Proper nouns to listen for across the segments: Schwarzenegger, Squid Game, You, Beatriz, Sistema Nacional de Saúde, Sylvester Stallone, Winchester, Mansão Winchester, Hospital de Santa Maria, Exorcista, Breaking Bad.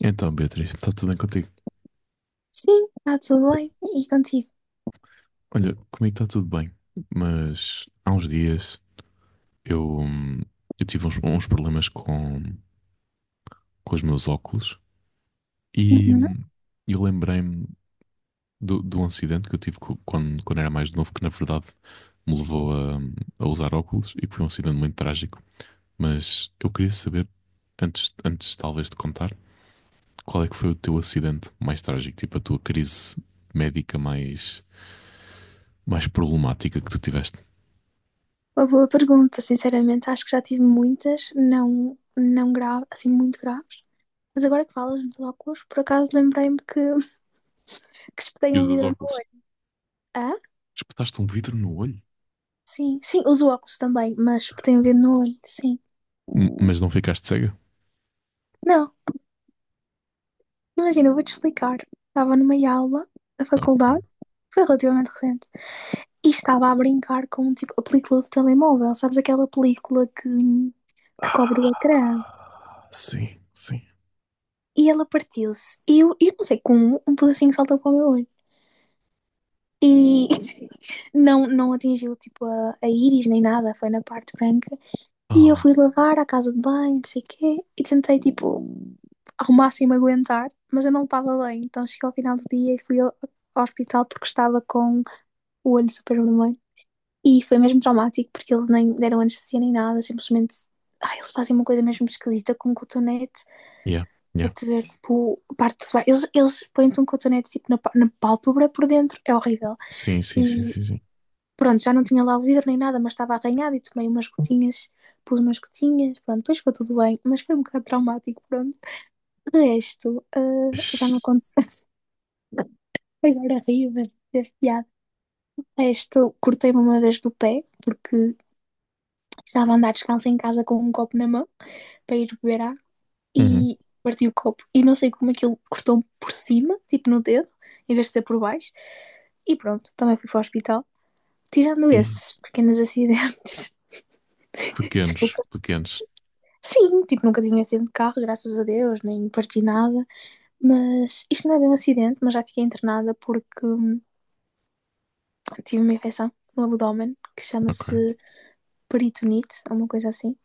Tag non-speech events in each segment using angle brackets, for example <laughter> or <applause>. Então, Beatriz, está tudo bem contigo? Sim, está tudo bem. E contigo? Olha, comigo está tudo bem, mas há uns dias eu, hum, eu tive uns problemas com os meus óculos e Uhum. Eu lembrei-me do acidente que eu tive quando era mais novo, que na verdade me levou a usar óculos e que foi um acidente muito trágico. Mas eu queria saber, antes talvez de contar, qual é que foi o teu acidente mais trágico, tipo a tua crise médica mais problemática que tu tiveste? Uma boa pergunta, sinceramente, acho que já tive muitas, não, não grave, assim, muito graves. Mas agora que falas nos óculos, por acaso lembrei-me que, <laughs> que espetei E um usas vidro no óculos. olho. Ah? Espetaste um vidro no olho? Sim, sim, uso óculos também, mas espetei um vidro no olho, sim. M- Mas não ficaste cega? Não, imagina, eu vou-te explicar. Estava numa aula da Ok. faculdade, foi relativamente recente, e estava a brincar com, tipo, a película do telemóvel, sabes aquela película que cobre o ecrã? Ah, sim, sim. E ela partiu-se. E eu não sei como, um pedacinho saltou para o meu olho. E <laughs> não, não atingiu tipo a íris nem nada, foi na parte branca. E eu Oh, fui lavar à casa de banho, não sei o quê, e tentei tipo ao máximo aguentar, mas eu não estava bem. Então cheguei ao final do dia e fui ao hospital porque estava com o olho super vermelho. E foi mesmo traumático porque eles nem deram anestesia nem nada, simplesmente. Ai, eles fazem uma coisa mesmo esquisita com um cotonete yeah, a yeah. te ver, tipo, a parte de baixo. Eles põem-te um cotonete, tipo, na, pá- na pálpebra por dentro. É horrível. Sim, sim, sim, E sim, sim. pronto, já não tinha lá o vidro nem nada, mas estava arranhado e tomei umas gotinhas, pus umas gotinhas, pronto, depois ficou tudo bem. Mas foi um bocado traumático, pronto. De resto, ah, já Ixi. não aconteceu. <laughs> Agora rio, mas teve piada. De resto, cortei-me uma vez do pé, porque estava a andar descalça em casa com um copo na mão para ir beber água. Uhum. E parti o copo. E não sei como aquilo cortou por cima, tipo no dedo, em vez de ser por baixo. E pronto, também fui para o hospital. Tirando E esses pequenos acidentes, <laughs> pequenos, desculpa. pequenos. Sim, tipo, nunca tinha um acidente de carro, graças a Deus, nem parti nada. Mas isto não é bem um acidente, mas já fiquei internada porque tive uma infecção no abdômen que Ok. chama-se peritonite, alguma coisa assim.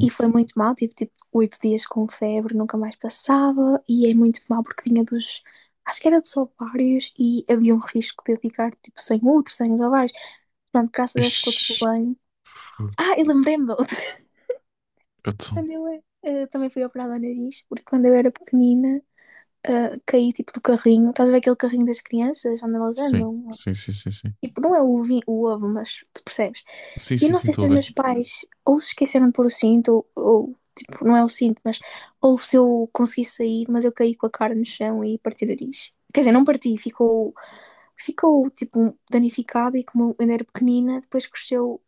E foi muito mal, tive tipo oito dias com febre, nunca mais passava, e é muito mal porque vinha dos. Acho que era dos ovários e havia um risco de eu ficar tipo sem outro, sem os ovários. Pronto, graças a Deus ficou tudo Ixi. bem. Fu- Ah, e lembrei-me da outra. <laughs> Então, Quando eu também fui operada ao nariz, porque quando eu era pequenina caí tipo do carrinho, estás a ver aquele carrinho das crianças onde elas sim, andam? sim, sim, sim, sim. Tipo, não é o ovinho, o ovo, mas tu percebes? Sim, E sim, não sim, sei estou se a os ver. meus pais ou se esqueceram de pôr o cinto, ou tipo, não é o cinto, mas ou se eu consegui sair, mas eu caí com a cara no chão e parti o nariz. Quer dizer, não parti, ficou, ficou tipo danificado e como eu ainda era pequenina, depois cresceu,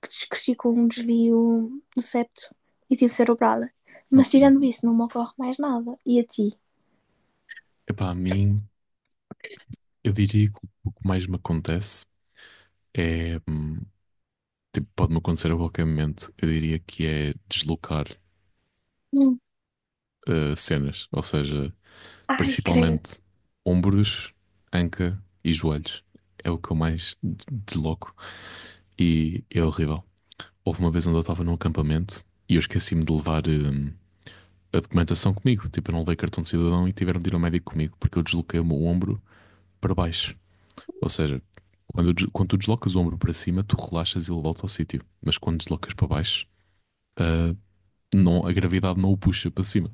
cresci com um desvio do septo e tive de ser operada. Mas Uhum. tirando isso, não me ocorre mais nada. E a ti? Epá, a mim, eu diria que o que mais me acontece é, tipo, pode-me acontecer a qualquer momento. Eu diria que é deslocar Hum. Cenas, ou seja, Ai, creio. principalmente ombros, anca e joelhos. É o que eu mais desloco e é horrível. Houve uma vez onde eu estava num acampamento e eu esqueci-me de levar a documentação comigo. Tipo, eu não levei cartão de cidadão e tiveram de ir ao médico comigo porque eu desloquei o meu ombro para baixo. Ou seja, quando tu deslocas o ombro para cima, tu relaxas e ele volta ao sítio. Mas quando deslocas para baixo, ah, não, a gravidade não o puxa para cima.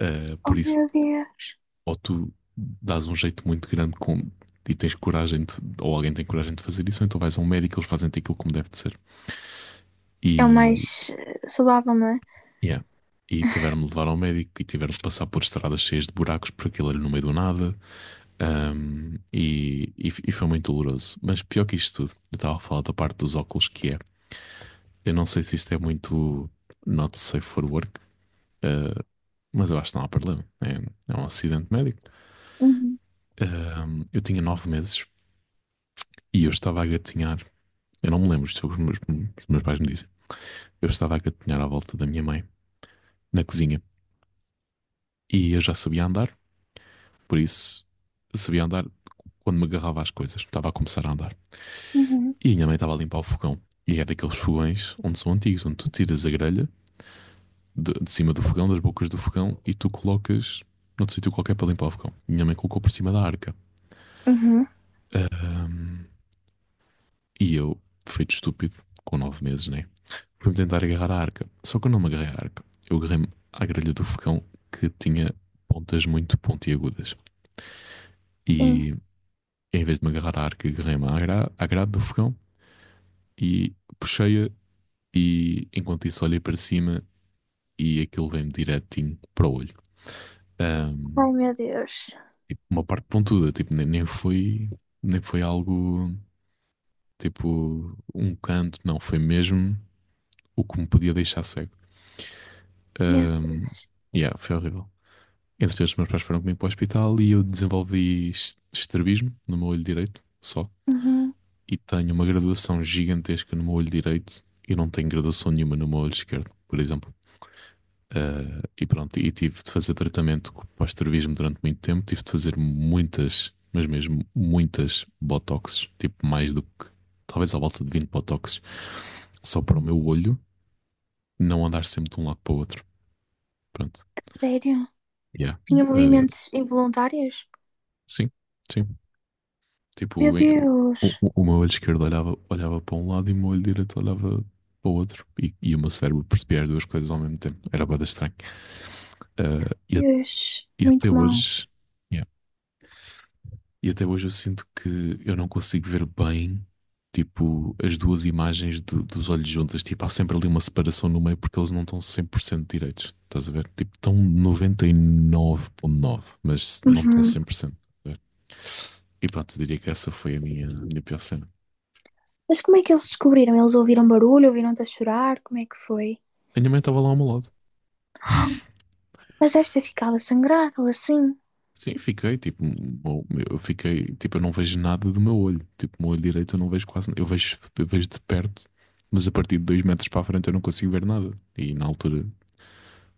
Ah, Oh por isso meu Deus! ou tu dás um jeito muito grande com, e tens coragem, de, ou alguém tem coragem de fazer isso, ou então vais a um médico, eles fazem-te aquilo como deve de ser. É o E, mais saudável, não é? yeah. E tiveram de levar ao médico e tiveram de passar por estradas cheias de buracos, por aquilo ali no meio do nada. E foi muito doloroso. Mas pior que isto tudo, eu estava a falar da parte dos óculos que é. Eu não sei se isto é muito not safe for work, ah, mas eu acho que não há problema. É, é um acidente médico. Uhum. Eu tinha 9 meses e eu estava a gatinhar. Eu não me lembro, isto foi o que os meus pais me dizem. Eu estava a gatinhar à volta da minha mãe, na cozinha, e eu já sabia andar, por isso sabia andar quando me agarrava às coisas, estava a começar a andar. Uhum. E a minha mãe estava a limpar o fogão. E é daqueles fogões onde são antigos, onde tu tiras a grelha de cima do fogão, das bocas do fogão, e tu colocas noutro sítio qualquer para limpar o fogão. Minha mãe colocou por cima da arca. Uhum. Ahm, e eu, feito estúpido, com 9 meses, né? Para me tentar agarrar à arca. Só que eu não me agarrei à arca. Eu agarrei-me à grelha do fogão que tinha pontas muito pontiagudas. Sim. E em vez de me agarrar à arca, agarrei-me à, gra à grade do fogão e puxei-a. E enquanto isso, olhei para cima e aquilo vem direitinho para o olho. Ahm, Ai, meu Deus. tipo, uma parte pontuda, tipo, nem foi algo tipo um canto, não, foi mesmo o que me podia deixar cego. Meu Ahm, Deus. yeah, foi horrível. Entretanto, os meus pais foram comigo para o hospital e eu desenvolvi estrabismo no meu olho direito, só. Uhum. E tenho uma graduação gigantesca no meu olho direito e não tenho graduação nenhuma no meu olho esquerdo, por exemplo. Ah, e pronto, e tive de fazer tratamento para o estrabismo durante muito tempo. Tive de fazer muitas, mas mesmo muitas botoxes, tipo mais do que, talvez à volta de 20 botoxes, só para o meu olho não andar sempre de um lado para o outro. Pronto, Sério? yeah. Tinha Ah, movimentos involuntários? sim, sim. Meu Tipo, em- o, Deus. o, o meu olho esquerdo olhava, olhava para um lado e o meu olho direito olhava para o outro. E o meu cérebro percebia as duas coisas ao mesmo tempo. Era bastante estranho. Ah, Deus. e até Muito mal. hoje, yeah, e até hoje eu sinto que eu não consigo ver bem, tipo, as duas imagens dos olhos juntas. Tipo, há sempre ali uma separação no meio porque eles não estão 100% direitos. Estás a ver? Tipo, estão 99,9 mas não estão Uhum. 100%. Estás a ver? E pronto, eu diria que essa foi a minha pior cena. Mas como é que eles descobriram? Eles ouviram barulho? Ouviram-te a chorar? Como é que foi? A minha mãe estava lá ao meu lado. <gasps> Mas deve ter ficado a sangrar ou assim. Sim, fiquei, tipo, eu fiquei, tipo, eu não vejo nada do meu olho. Tipo, o meu olho direito eu não vejo quase, eu vejo de perto, mas a partir de 2 metros para a frente eu não consigo ver nada. E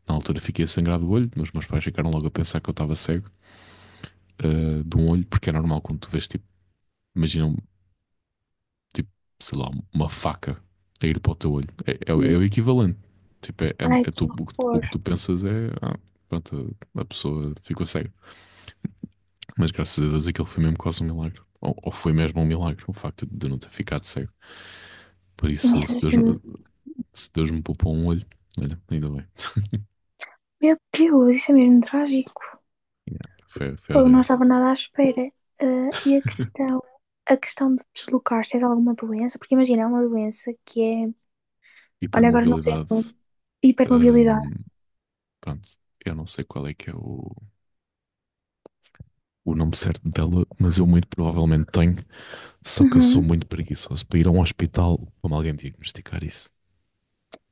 na altura fiquei a sangrar do olho, mas meus pais ficaram logo a pensar que eu estava cego, ah, de um olho, porque é normal quando tu vês, tipo, imagina, tipo, sei lá, uma faca a ir para o teu olho. É, é o é Sim. o equivalente. Tipo, Ai, que que o horror. que tu pensas é, ah, pronto, a pessoa ficou cega. Mas graças a Deus aquilo foi mesmo quase um milagre. Ou foi mesmo um milagre, o facto de eu não ter ficado cego. Por isso, se Deus, Mesmo. se Deus me poupou um olho, olha, ainda bem. <laughs> Meu Deus, isso é mesmo trágico. Yeah, foi, foi Pô, eu não horrível. estava nada à espera. Ah, e a questão de deslocar, se tens alguma doença, porque imagina, é uma doença que é olha, agora não sei Hipermobilidade, o nome. hum, Hipermobilidade. pronto, eu não sei qual é que é o nome certo dela, mas eu muito provavelmente tenho, só que eu sou Uhum. muito preguiçoso para ir a um hospital como alguém diagnosticar isso.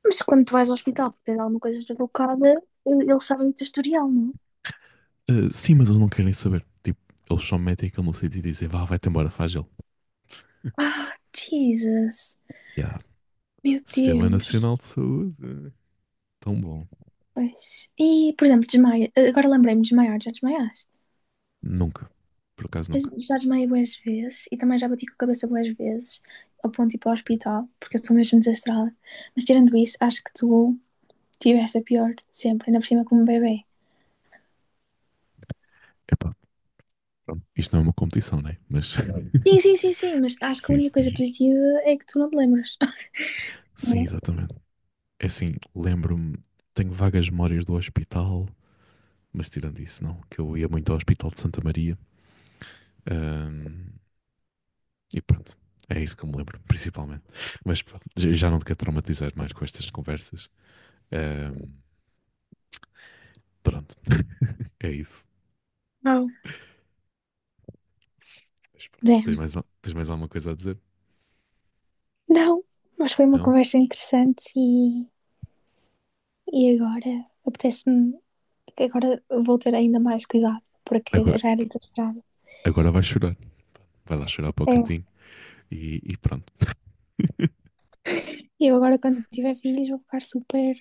Mas quando tu vais ao hospital porque tens alguma coisa deslocada, eles sabem o teu historial, não? Ah, sim, mas eles não querem saber. Tipo, eles só metem aquilo no sítio e dizem, vá, vai-te embora, faz ele. <laughs> Ah, Jesus. Yeah. Meu Sistema Deus. Nacional de Saúde. Tão bom. Pois. E, por exemplo, desmaia. Agora lembrei-me de desmaiar. Já desmaiaste? Nunca. Por acaso Eu nunca. já desmaiei boas vezes e também já bati com a cabeça boas vezes ao ponto de ir para o hospital, porque eu sou mesmo desastrada. Mas tirando isso, acho que tu tiveste a pior sempre, ainda por cima como bebê. Epá, pronto. Isto não é uma competição, né? Mas Sim, <laughs> sim, sim, sim, mas acho que a sim, única foi. coisa positiva é que tu não te lembras. <laughs> Sim, Sim. exatamente. É assim, lembro-me, tenho vagas memórias do hospital, mas tirando isso, não, que eu ia muito ao Hospital de Santa Maria. Ahm, e pronto. É isso que eu me lembro, principalmente. Mas pronto, já não te quero traumatizar mais com estas conversas. Ahm, pronto, é isso. Wow. Mas pronto. Tens É, mais, tens mais alguma coisa a dizer? não, mas foi uma Não? conversa interessante e agora apetece-me que agora vou ter ainda mais cuidado, porque Agora, já era desastrado. agora vais chorar. Vai lá chorar para o É, cantinho e pronto. eu agora quando tiver filhos vou ficar super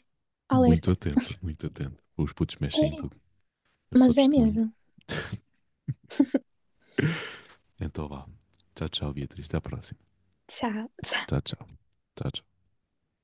Muito alerta. atento, muito atento. Os putos mexem em É, tudo. Eu sou mas é testemunha. mesmo. <laughs> Então vá. Tchau, tchau, Beatriz. Até à próxima. Tchau. Tchau, tchau. Tchau, tchau.